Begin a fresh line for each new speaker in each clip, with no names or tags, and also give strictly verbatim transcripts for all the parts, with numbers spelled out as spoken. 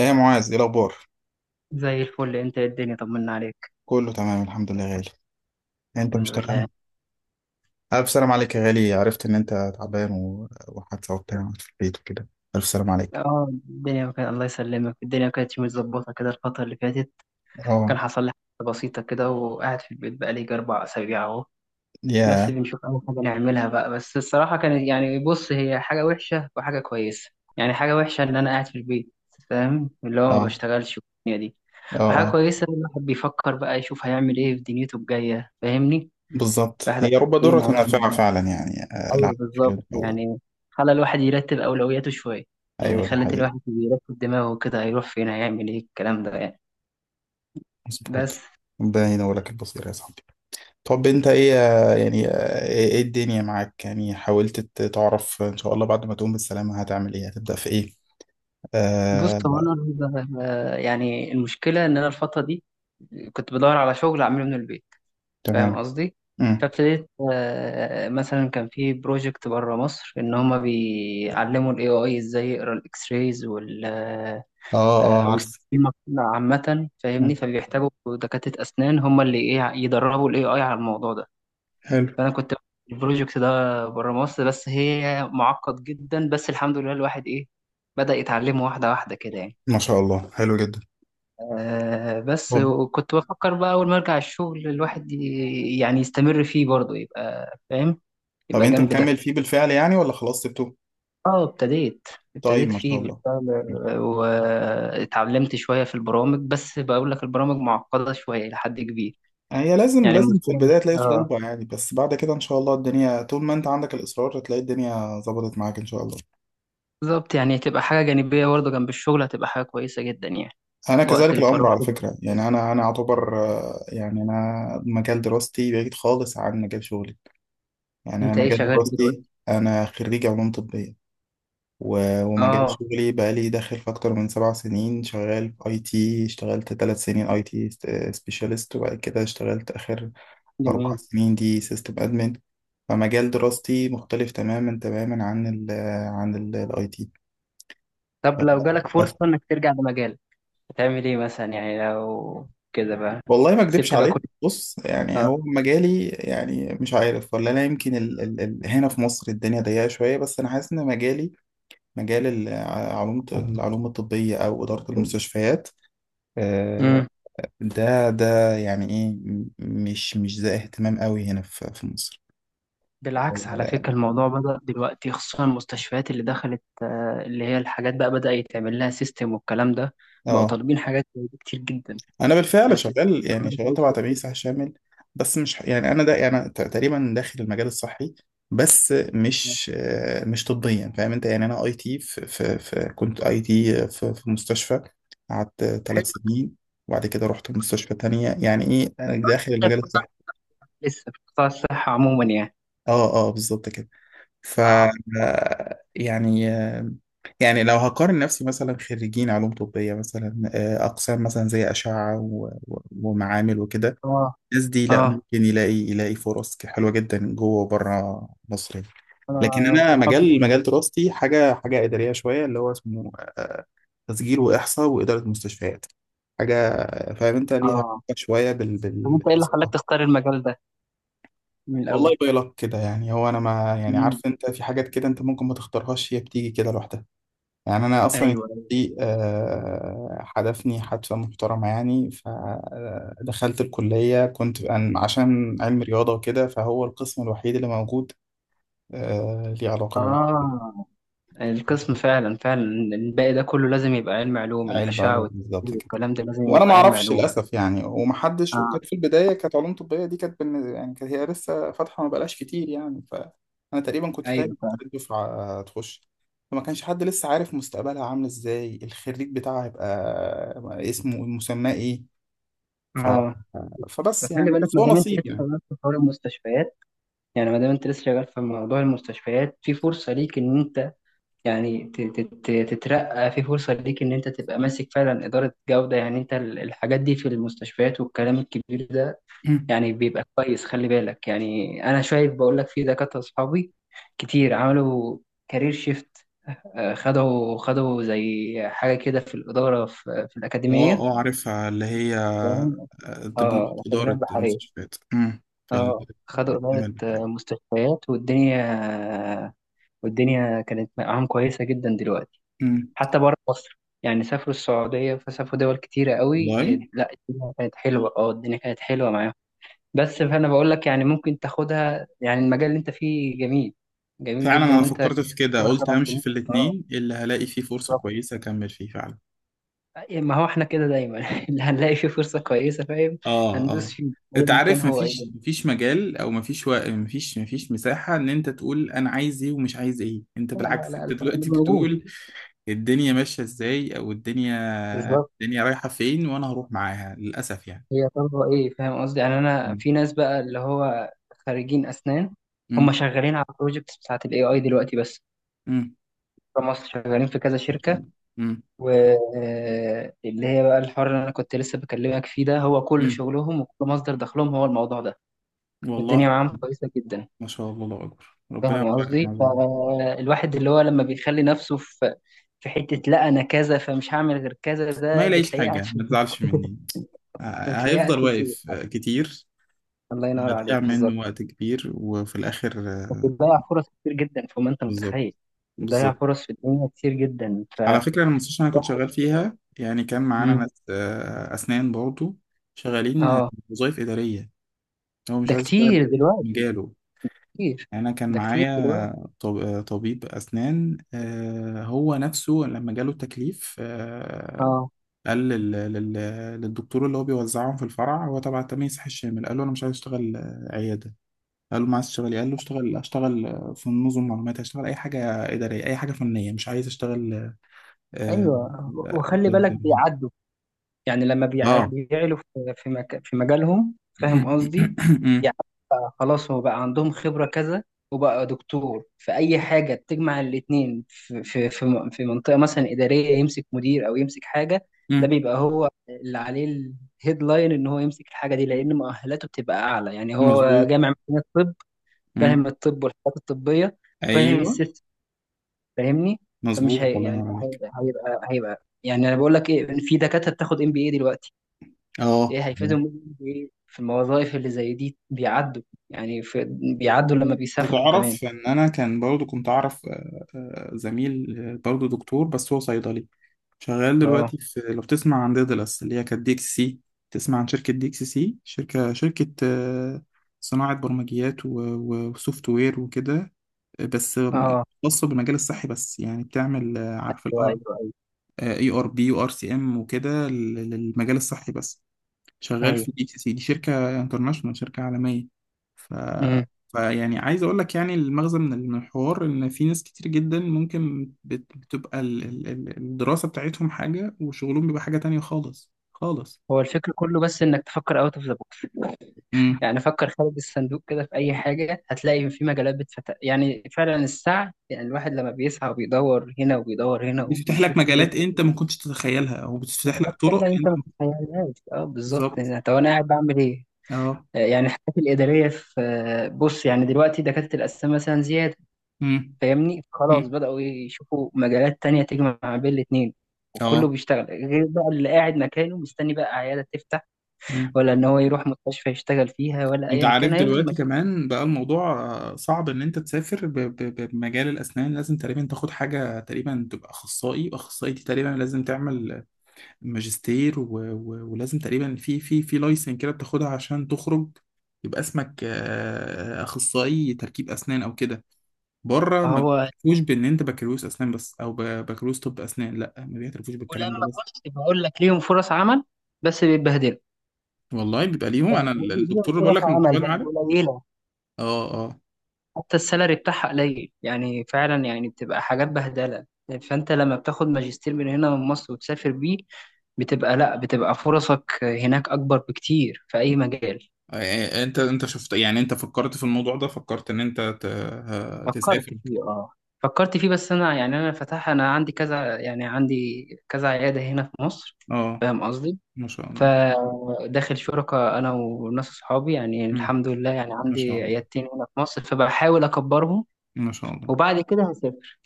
ايه يا معاذ، ايه الاخبار؟
زي الفل، انت ايه الدنيا؟ طمنا عليك.
كله تمام الحمد لله يا غالي. انت مش
الحمد لله.
تمام؟ الف سلام عليك يا غالي. عرفت ان انت تعبان و- وحادثه وبتاع في البيت وكده. الف سلام عليك.
اه، الدنيا كانت، الله يسلمك، الدنيا كانت مش متظبطه كده الفتره اللي فاتت. كان
اه
حصل لي حاجه بسيطه كده وقاعد في البيت بقالي يجي اربع اسابيع اهو. بس
يا
بنشوف اي حاجه نعملها بقى. بس الصراحه كانت، يعني بص، هي حاجه وحشه وحاجه كويسه. يعني حاجه وحشه ان انا قاعد في البيت، فاهم، اللي هو ما
اه.
بشتغلش والدنيا دي.
اه
وحاجه
اه
كويسه إن الواحد بيفكر بقى يشوف هيعمل ايه في دنيته الجايه، فاهمني؟
بالظبط،
الواحد
هي رب
فين
ضارة
هيعمل
نافعة
ايه.
فعلا يعني. آه،
ايوه
العفو. خير
بالظبط
ان شاء الله.
يعني. خلى الواحد يرتب اولوياته شويه، يعني
ايوه دي
خلت
حقيقة.
الواحد يرتب دماغه كده، هيروح فين، هيعمل ايه، الكلام ده يعني. بس.
مظبوط. ربنا ينور لك البصير يا صاحبي. طب انت ايه آه، يعني آه، ايه إيه الدنيا معاك يعني؟ حاولت ت- تعرف ان شاء الله بعد ما تقوم بالسلامة هتعمل ايه؟ هتبدأ في ايه؟
بص،
آه
هو
لا.
انا ال- آه، يعني المشكله ان انا الفتره دي كنت بدور على شغل اعمله من البيت، فاهم
تمام.
قصدي؟ فابتديت، آه، مثلا كان في بروجكت بره مصر ان هما بيعلموا الاي اي ازاي يقرا الاكس رايز وال
اه اه
آه،
عارف.
والسكيما عامه، فاهمني؟
مم.
فبيحتاجوا دكاتره اسنان هما اللي ايه يدربوا الاي اي على الموضوع ده.
حلو.
فانا كنت البروجكت ده بره مصر، بس هي معقد جدا. بس الحمد لله الواحد ايه، بدأ يتعلمه واحده واحده كده يعني.
ما شاء الله حلو جدا.
آه بس
طب
وكنت بفكر بقى اول ما ارجع الشغل الواحد ي- يعني يستمر فيه برضه، يبقى فاهم،
طب
يبقى
انت
جنب
مكمل
ده.
فيه بالفعل يعني ولا خلاص سبته؟
اه ابتديت
طيب
ابتديت
ما شاء
فيه
الله.
بالفعل.
مم.
واتعلمت شويه في البرامج، بس بقول لك البرامج معقده شويه لحد كبير.
هي لازم
يعني
لازم في
المشكله
البداية
مش
تلاقي
اه
صعوبة يعني، بس بعد كده إن شاء الله الدنيا طول ما أنت عندك الإصرار هتلاقي الدنيا ظبطت معاك إن شاء الله.
بالظبط يعني، تبقى حاجه جانبيه برضه جنب الشغل، هتبقى حاجه كويسه جدا يعني،
أنا
وقت
كذلك الأمر
الفراغ
على
كده.
فكرة يعني، أنا أنا أعتبر آه، يعني أنا مجال دراستي بعيد خالص عن مجال شغلي. يعني أنا
انت ايه
مجال
شغال إيه
دراستي،
دلوقتي؟
أنا خريج علوم طبية، و- ومجال
اه.
شغلي بقالي داخل في أكتر من سبع سنين، شغال في أي تي. اشتغلت تلات سنين أي تي سبيشالست، وبعد كده اشتغلت آخر أربع
جميل.
سنين دي سيستم أدمن. فمجال دراستي مختلف تماما تماما عن ال عن الاي تي
طب لو جالك
بس.
فرصة انك ترجع لمجالك، هتعمل ايه مثلا يعني لو كده بقى؟
والله ما اكدبش
سبت بقى
عليك،
كل.
بص يعني
اه.
هو مجالي يعني مش عارف، ولا انا يمكن ال ال ال هنا في مصر الدنيا ضيقه شويه، بس انا حاسس ان مجالي مجال العلوم، العلوم الطبيه او اداره المستشفيات، آه،
امم
ده ده يعني ايه م- مش مش ده اهتمام قوي هنا في في مصر.
بالعكس، على فكرة، الموضوع بدأ دلوقتي، خصوصا المستشفيات اللي دخلت، آه، اللي هي الحاجات بقى بدأ يتعمل لها سيستم والكلام ده، بقوا
اه
طالبين حاجات زي دي كتير جدا.
انا بالفعل
انا في،
شغال، يعني
عملت
شغال
عليه
تبع تأمين
سيستم.
صحي شامل، بس مش يعني انا ده يعني ت- تقريبا داخل المجال الصحي، بس مش آه، مش طبيا فاهم انت يعني. انا اي تي في, في, في كنت اي تي في, في مستشفى، قعدت ثلاث
حلو.
سنين وبعد كده رحت مستشفى تانية. يعني ايه، أنا داخل
طيب،
المجال الصحي.
لسه في قطاع الصحة عموما يعني؟
اه اه بالظبط كده. ف
اه،
يعني يعني لو هقارن نفسي مثلا خريجين علوم طبية مثلا، آه، أقسام مثلا زي أشعة و- و- ومعامل وكده،
اه،
الناس دي
اه.
لا، ممكن يلاقي يلاقي فرص ك- حلوة جدا جوه وبره مصر يعني. لكن
انا
أنا
صحابي.
مجال مجال دراستي حاجة حاجة إدارية شوية، اللي هو اسمه آه، تسجيل وإحصاء وإدارة مستشفيات. حاجة فاهم أنت ليها علاقة
اه.
شوية بال
طب
بال
انت ايه اللي خلاك تختار المجال ده من
والله
الاول؟
باي لك كده، يعني هو أنا ما يعني،
مم.
عارف أنت في حاجات كده أنت ممكن ما تختارهاش، هي بتيجي كده لوحدها. يعني انا
ايوه،
اصلا
أيوة.
دي آه، حدفني حدفة محترمة يعني، فدخلت الكلية كنت أن- عشان علم رياضة وكده، فهو القسم الوحيد اللي موجود آه، ليه علاقة بعلم
اه. القسم فعلا فعلا. الباقي ده كله لازم يبقى علم، علوم الاشعه
علوم. بالظبط
والتفكير
كده.
والكلام ده لازم
وانا ما
يبقى علم،
اعرفش
علوم.
للاسف يعني، ومحدش،
اه،
وكانت في البدايه كانت علوم طبيه دي كانت بالن- يعني كانت هي لسه فاتحه، ما بقالهاش كتير يعني، فانا تقريبا كنت تاني
ايوه،
أو
فعلا.
تالت دفعه، آه، تخش. فما كانش حد لسه عارف مستقبلها عامل ازاي، الخريج بتاعها هيبقى آه، اسمه مسماه ايه. ف...
اه.
فبس
فخلي
يعني
بالك،
بس
ما
هو
دام انت لسه
نصيب يعني.
شغال في حوار المستشفيات، يعني ما دام انت لسه شغال في موضوع المستشفيات، في فرصه ليك ان انت يعني ت- ت- ت- تترقى، في فرصه ليك ان انت تبقى ماسك فعلا اداره جوده، يعني انت ال- الحاجات دي في المستشفيات والكلام الكبير ده،
مم.
يعني بيبقى كويس. خلي بالك يعني، انا شايف بقول لك في دكاتره اصحابي كتير عملوا كارير شيفت، خدوا خدوا زي حاجه كده في الاداره، في, في
اه
الاكاديميه،
اه عارفها، اللي هي
فاهم؟
دبلومة
اه، الاكاديميه
إدارة
البحريه.
المستشفيات. مم. في ال-
اه، خدوا
الأكاديمية
اداره،
البحرية.
آه، مستشفيات، والدنيا، آه، والدنيا كانت معاهم كويسه جدا دلوقتي.
مم.
حتى بره مصر يعني، سافروا السعوديه فسافروا دول كتيره قوي.
والله.
لا، الدنيا كانت حلوه، اه الدنيا كانت حلوه معاهم. بس فانا بقول لك يعني، ممكن تاخدها. يعني المجال اللي انت فيه جميل، جميل
فعلا
جدا.
أنا
وانت
فكرت في كده،
خبرة
قلت
سبع
همشي
سنين
في
اه
الاتنين، اللي هلاقي فيه فرصة
بالظبط.
كويسة أكمل فيه فعلا.
ما هو احنا كده دايما اللي هنلاقي فيه فرصة كويسة، فاهم،
اه
هندوس
اه.
فيه،
انت
ايا كان
عارف
هو ايه.
مفيش مفيش مجال او مفيش و... مفيش مفيش مساحة ان انت تقول انا عايز ايه ومش عايز ايه، انت
لا لا
بالعكس
لا
انت
لا، اللي
دلوقتي
موجود،
بتقول الدنيا ماشية ازاي او الدنيا،
بالظبط،
الدنيا رايحة فين وانا هروح معاها، للأسف يعني.
هي طالبة ايه، فاهم قصدي؟ يعني انا
مم.
في ناس بقى اللي هو خريجين اسنان هم
مم.
شغالين على البروجكتس بتاعت الاي اي دلوقتي بس،
مم.
في مصر شغالين في كذا
ما شاء
شركة،
الله. مم.
واللي هي بقى الحوار اللي انا كنت لسه بكلمك فيه ده هو كل
مم.
شغلهم وكل مصدر دخلهم هو الموضوع ده،
والله.
والدنيا معاهم كويسة جدا.
ما شاء الله الله أكبر، ربنا
فاهم
يوفقك يا
قصدي؟
معاذ والله.
فالواحد اللي هو لما بيخلي نفسه في في حتة، لا انا كذا فمش هعمل غير كذا،
ما
ده
يلاقيش
بتلاقيه قاعد
حاجة،
في،
ما تزعلش مني، ه-
بتلاقيه قاعد
هيفضل
في البيت.
واقف آه، كتير،
الله ينور
هتضيع
عليك،
منه
بالظبط.
وقت كبير، وفي الآخر آه،
بتضيع فرص كتير جدا، فما انت
بالظبط.
متخيل، بتضيع
بالظبط
فرص في الدنيا كتير جدا
على
فالواحد.
فكرة. أنا المستشفى اللي أنا كنت شغال فيها، يعني كان معانا
مم.
ناس آه، أسنان برضه، شغالين آه،
اه،
وظائف إدارية. هو مش
ده
عايز يشتغل
كتير
في
دلوقتي،
مجاله.
كتير.
انا كان
ده كتير دلوقتي.
معايا طب- طبيب اسنان، آه، هو نفسه لما جاله التكليف آه،
اه،
قال لل- لل- للدكتور اللي هو بيوزعهم في الفرع، هو تبع تمييز صحي الشامل، قال له انا مش عايز اشتغل آه، عياده. قال له ما عايز تشتغل إيه؟ قال له اشتغل اشتغل آه، في نظم معلومات، هشتغل اي حاجه اداريه، اي حاجه فنيه، مش عايز اشتغل. اه
ايوه،
اه.
وخلي بالك بيعدوا، يعني لما بيع-
آه.
بيعلوا في في مك... في مجالهم، فاهم قصدي؟ يعني بقى خلاص، هو بقى عندهم خبرة كذا وبقى دكتور، فأي حاجة تجمع الاتنين في في في م- في منطقة مثلا إدارية، يمسك مدير أو يمسك حاجة، ده بيبقى هو اللي عليه الهيدلاين إن هو يمسك الحاجة دي، لأن مؤهلاته بتبقى أعلى، يعني هو
مظبوط.
جامع من الطب،
مم.
فاهم، الطب والحاجات الطبية، وفاهم
ايوه.
السيستم، فاهمني؟ فمش هي
مظبوط. الله
يعني،
ينور
هي-
عليك.
هيبقى هيبقى يعني انا بقول لك ايه، إن في دكاتره بتاخد ام بي اي دلوقتي. ايه
اه
هيفيدهم ام بي اي في الوظائف اللي زي دي؟ بيعدوا يعني، في، بيعدوا لما بيسافروا كمان.
تعرف ان انا كان برضو كنت اعرف آه، آه، زميل آه، برضو دكتور بس هو صيدلي، شغال
اه،
دلوقتي في، لو تسمع عن ديدلس، اللي هي كانت دي اكس سي. تسمع عن شركة دي اكس سي؟ شركة شركة آه، صناعة برمجيات و- و- وسوفت وير وكده، آه، بس آم،
اه.
خاصة بالمجال الصحي بس، يعني بتعمل آه، عارف ال
ايوه، ايوه،
اي ار بي وار سي ام وكده لل- للمجال الصحي بس. شغال
ايوه.
في اتش سي سي، دي شركه انترناشونال، شركه عالميه. ف...
امم
فيعني عايز اقول لك يعني المغزى من من الحوار، ان في ناس كتير جدا ممكن بت- بتبقى ال- ال- ال- الدراسه بتاعتهم حاجه، وشغلهم بيبقى حاجه تانية خالص خالص.
هو الفكر كله بس انك تفكر اوت اوف ذا بوكس
امم.
يعني فكر خارج الصندوق كده. في اي حاجه هتلاقي في مجالات بتفتح يعني، فعلا السعي يعني، الواحد لما بيسعى وبيدور هنا وبيدور هنا
بتفتح لك
وبيشوف الدنيا،
مجالات انت ما كنتش تتخيلها، او بتفتح
مجالات
لك
سهلة
طرق انت
أنت ما
ما كنتش-
تتخيلهاش، أه بالظبط.
بالظبط.
طب أنا قاعد بعمل إيه؟
اه.
آه، يعني الحاجات الإدارية في، آه، بص يعني دلوقتي دكاترة الأسنان مثلا زيادة،
امم.
فاهمني؟ خلاص
امم.
بدأوا يشوفوا مجالات تانية تجمع بين الاتنين، وكله
اه.
بيشتغل غير بقى اللي قاعد مكانه مستني بقى عيادة تفتح،
مم.
ولا إن هو يروح مستشفى يشتغل فيها، ولا
انت
أيا كان
عارف
هيفضل
دلوقتي
مكانه.
كمان بقى الموضوع آه، صعب ان انت تسافر ب- ب- بمجال الاسنان. لازم تقريبا تاخد حاجه تقريبا تبقى اخصائي، واخصائي دي تقريبا لازم تعمل ماجستير و... و... ولازم تقريبا في في في لايسن كده بتاخدها عشان تخرج، يبقى اسمك آه، اخصائي تركيب اسنان او كده. بره ما
فهو،
بيعترفوش بان انت بكالوريوس اسنان بس، او ب- بكالوريوس طب اسنان، لا ما بيعترفوش بالكلام
ولما
ده، لازم.
بص بقول لك ليهم فرص عمل بس بيتبهدلوا.
والله بيبقى ليهم. انا
فاهم
ال-
قصدي؟ ليهم
الدكتور اللي بقول
فرص
لك من بتوع
عمل بس
المعادن.
قليلة،
اه اه.
حتى السالري بتاعها قليل، يعني فعلا يعني بتبقى حاجات بهدله. فانت لما بتاخد ماجستير من هنا من مصر وتسافر بيه، بتبقى لا بتبقى فرصك هناك اكبر بكتير في اي مجال.
آه، انت انت شفت يعني، انت فكرت في الموضوع ده؟ فكرت ان انت ت... ه-
فكرت
تسافر؟
فيه، اه فكرت فيه. بس انا يعني، انا فتح، انا عندي كذا، يعني عندي كذا عياده هنا في مصر،
اه.
فاهم قصدي؟
ما شاء الله.
فداخل شركة أنا وناس أصحابي يعني،
مم.
الحمد لله، يعني
ما شاء
عندي
الله.
عيادتين هنا في مصر، فبحاول أكبرهم،
ما شاء الله.
وبعد كده هسافر،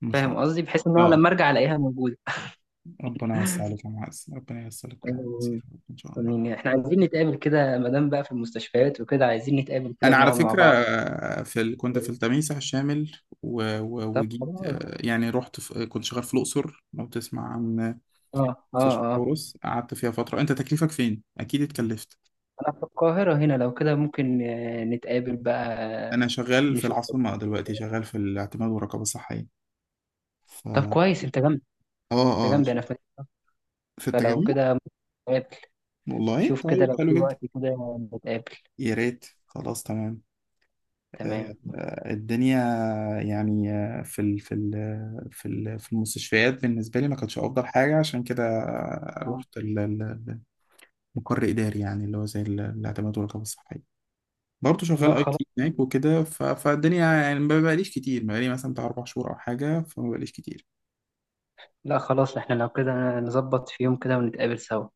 ما شاء
فاهم قصدي؟ بحيث إن
الله.
أنا
اه.
لما أرجع ألاقيها موجودة.
ربنا يوسع عليك يا معز، ربنا ييسر لك، كل عام كتير
آمين.
يا رب ان شاء الله.
آمين. احنا عايزين نتقابل كده، ما دام بقى في المستشفيات وكده، عايزين نتقابل كده
انا على
ونقعد مع
فكره
بعض.
آه، في ال... كنت في التميسح الشامل، و... و...
طب
وجيت
خلاص.
آه، يعني رحت في... كنت شغال في الاقصر، لو تسمع عن
اه، اه،
مستشفى
اه.
حورس، قعدت فيها فتره. انت تكليفك فين؟ اكيد اتكلفت.
انا في القاهرة هنا، لو كده ممكن، آه، نتقابل بقى.
انا
آه،
شغال في
نشوف.
العاصمه دلوقتي، شغال في الاعتماد والرقابه الصحيه. ف
طب كويس، انت جنبي،
اه
انت
اه،
جنبي، انا في مكتب.
في
فلو
التجمع.
كده ممكن نتقابل.
والله
شوف كده
طيب
لو
حلو
في
جدا.
وقت كده نتقابل.
يا ريت، خلاص تمام. آه
تمام.
آه الدنيا يعني آه في ال في ال في ال في المستشفيات بالنسبة لي ما كانتش أفضل حاجة، عشان كده
آه.
رحت ال- ال- المقر إداري، يعني اللي هو زي ال- الاعتماد والرقابة الصحية. برضه شغال
لا
اي
خلاص.
تي هناك وكده، ف- فالدنيا يعني ما بقاليش كتير، ما بقالي مثلا بتاع اربع شهور أو حاجة، فما بقاليش كتير.
لا خلاص، احنا لو كده نظبط في يوم كده ونتقابل سوا ان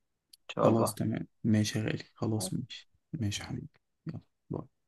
شاء الله.
خلاص تمام، ماشي يا غالي، خلاص ماشي ماشي يا حبيبي. يلا، باي.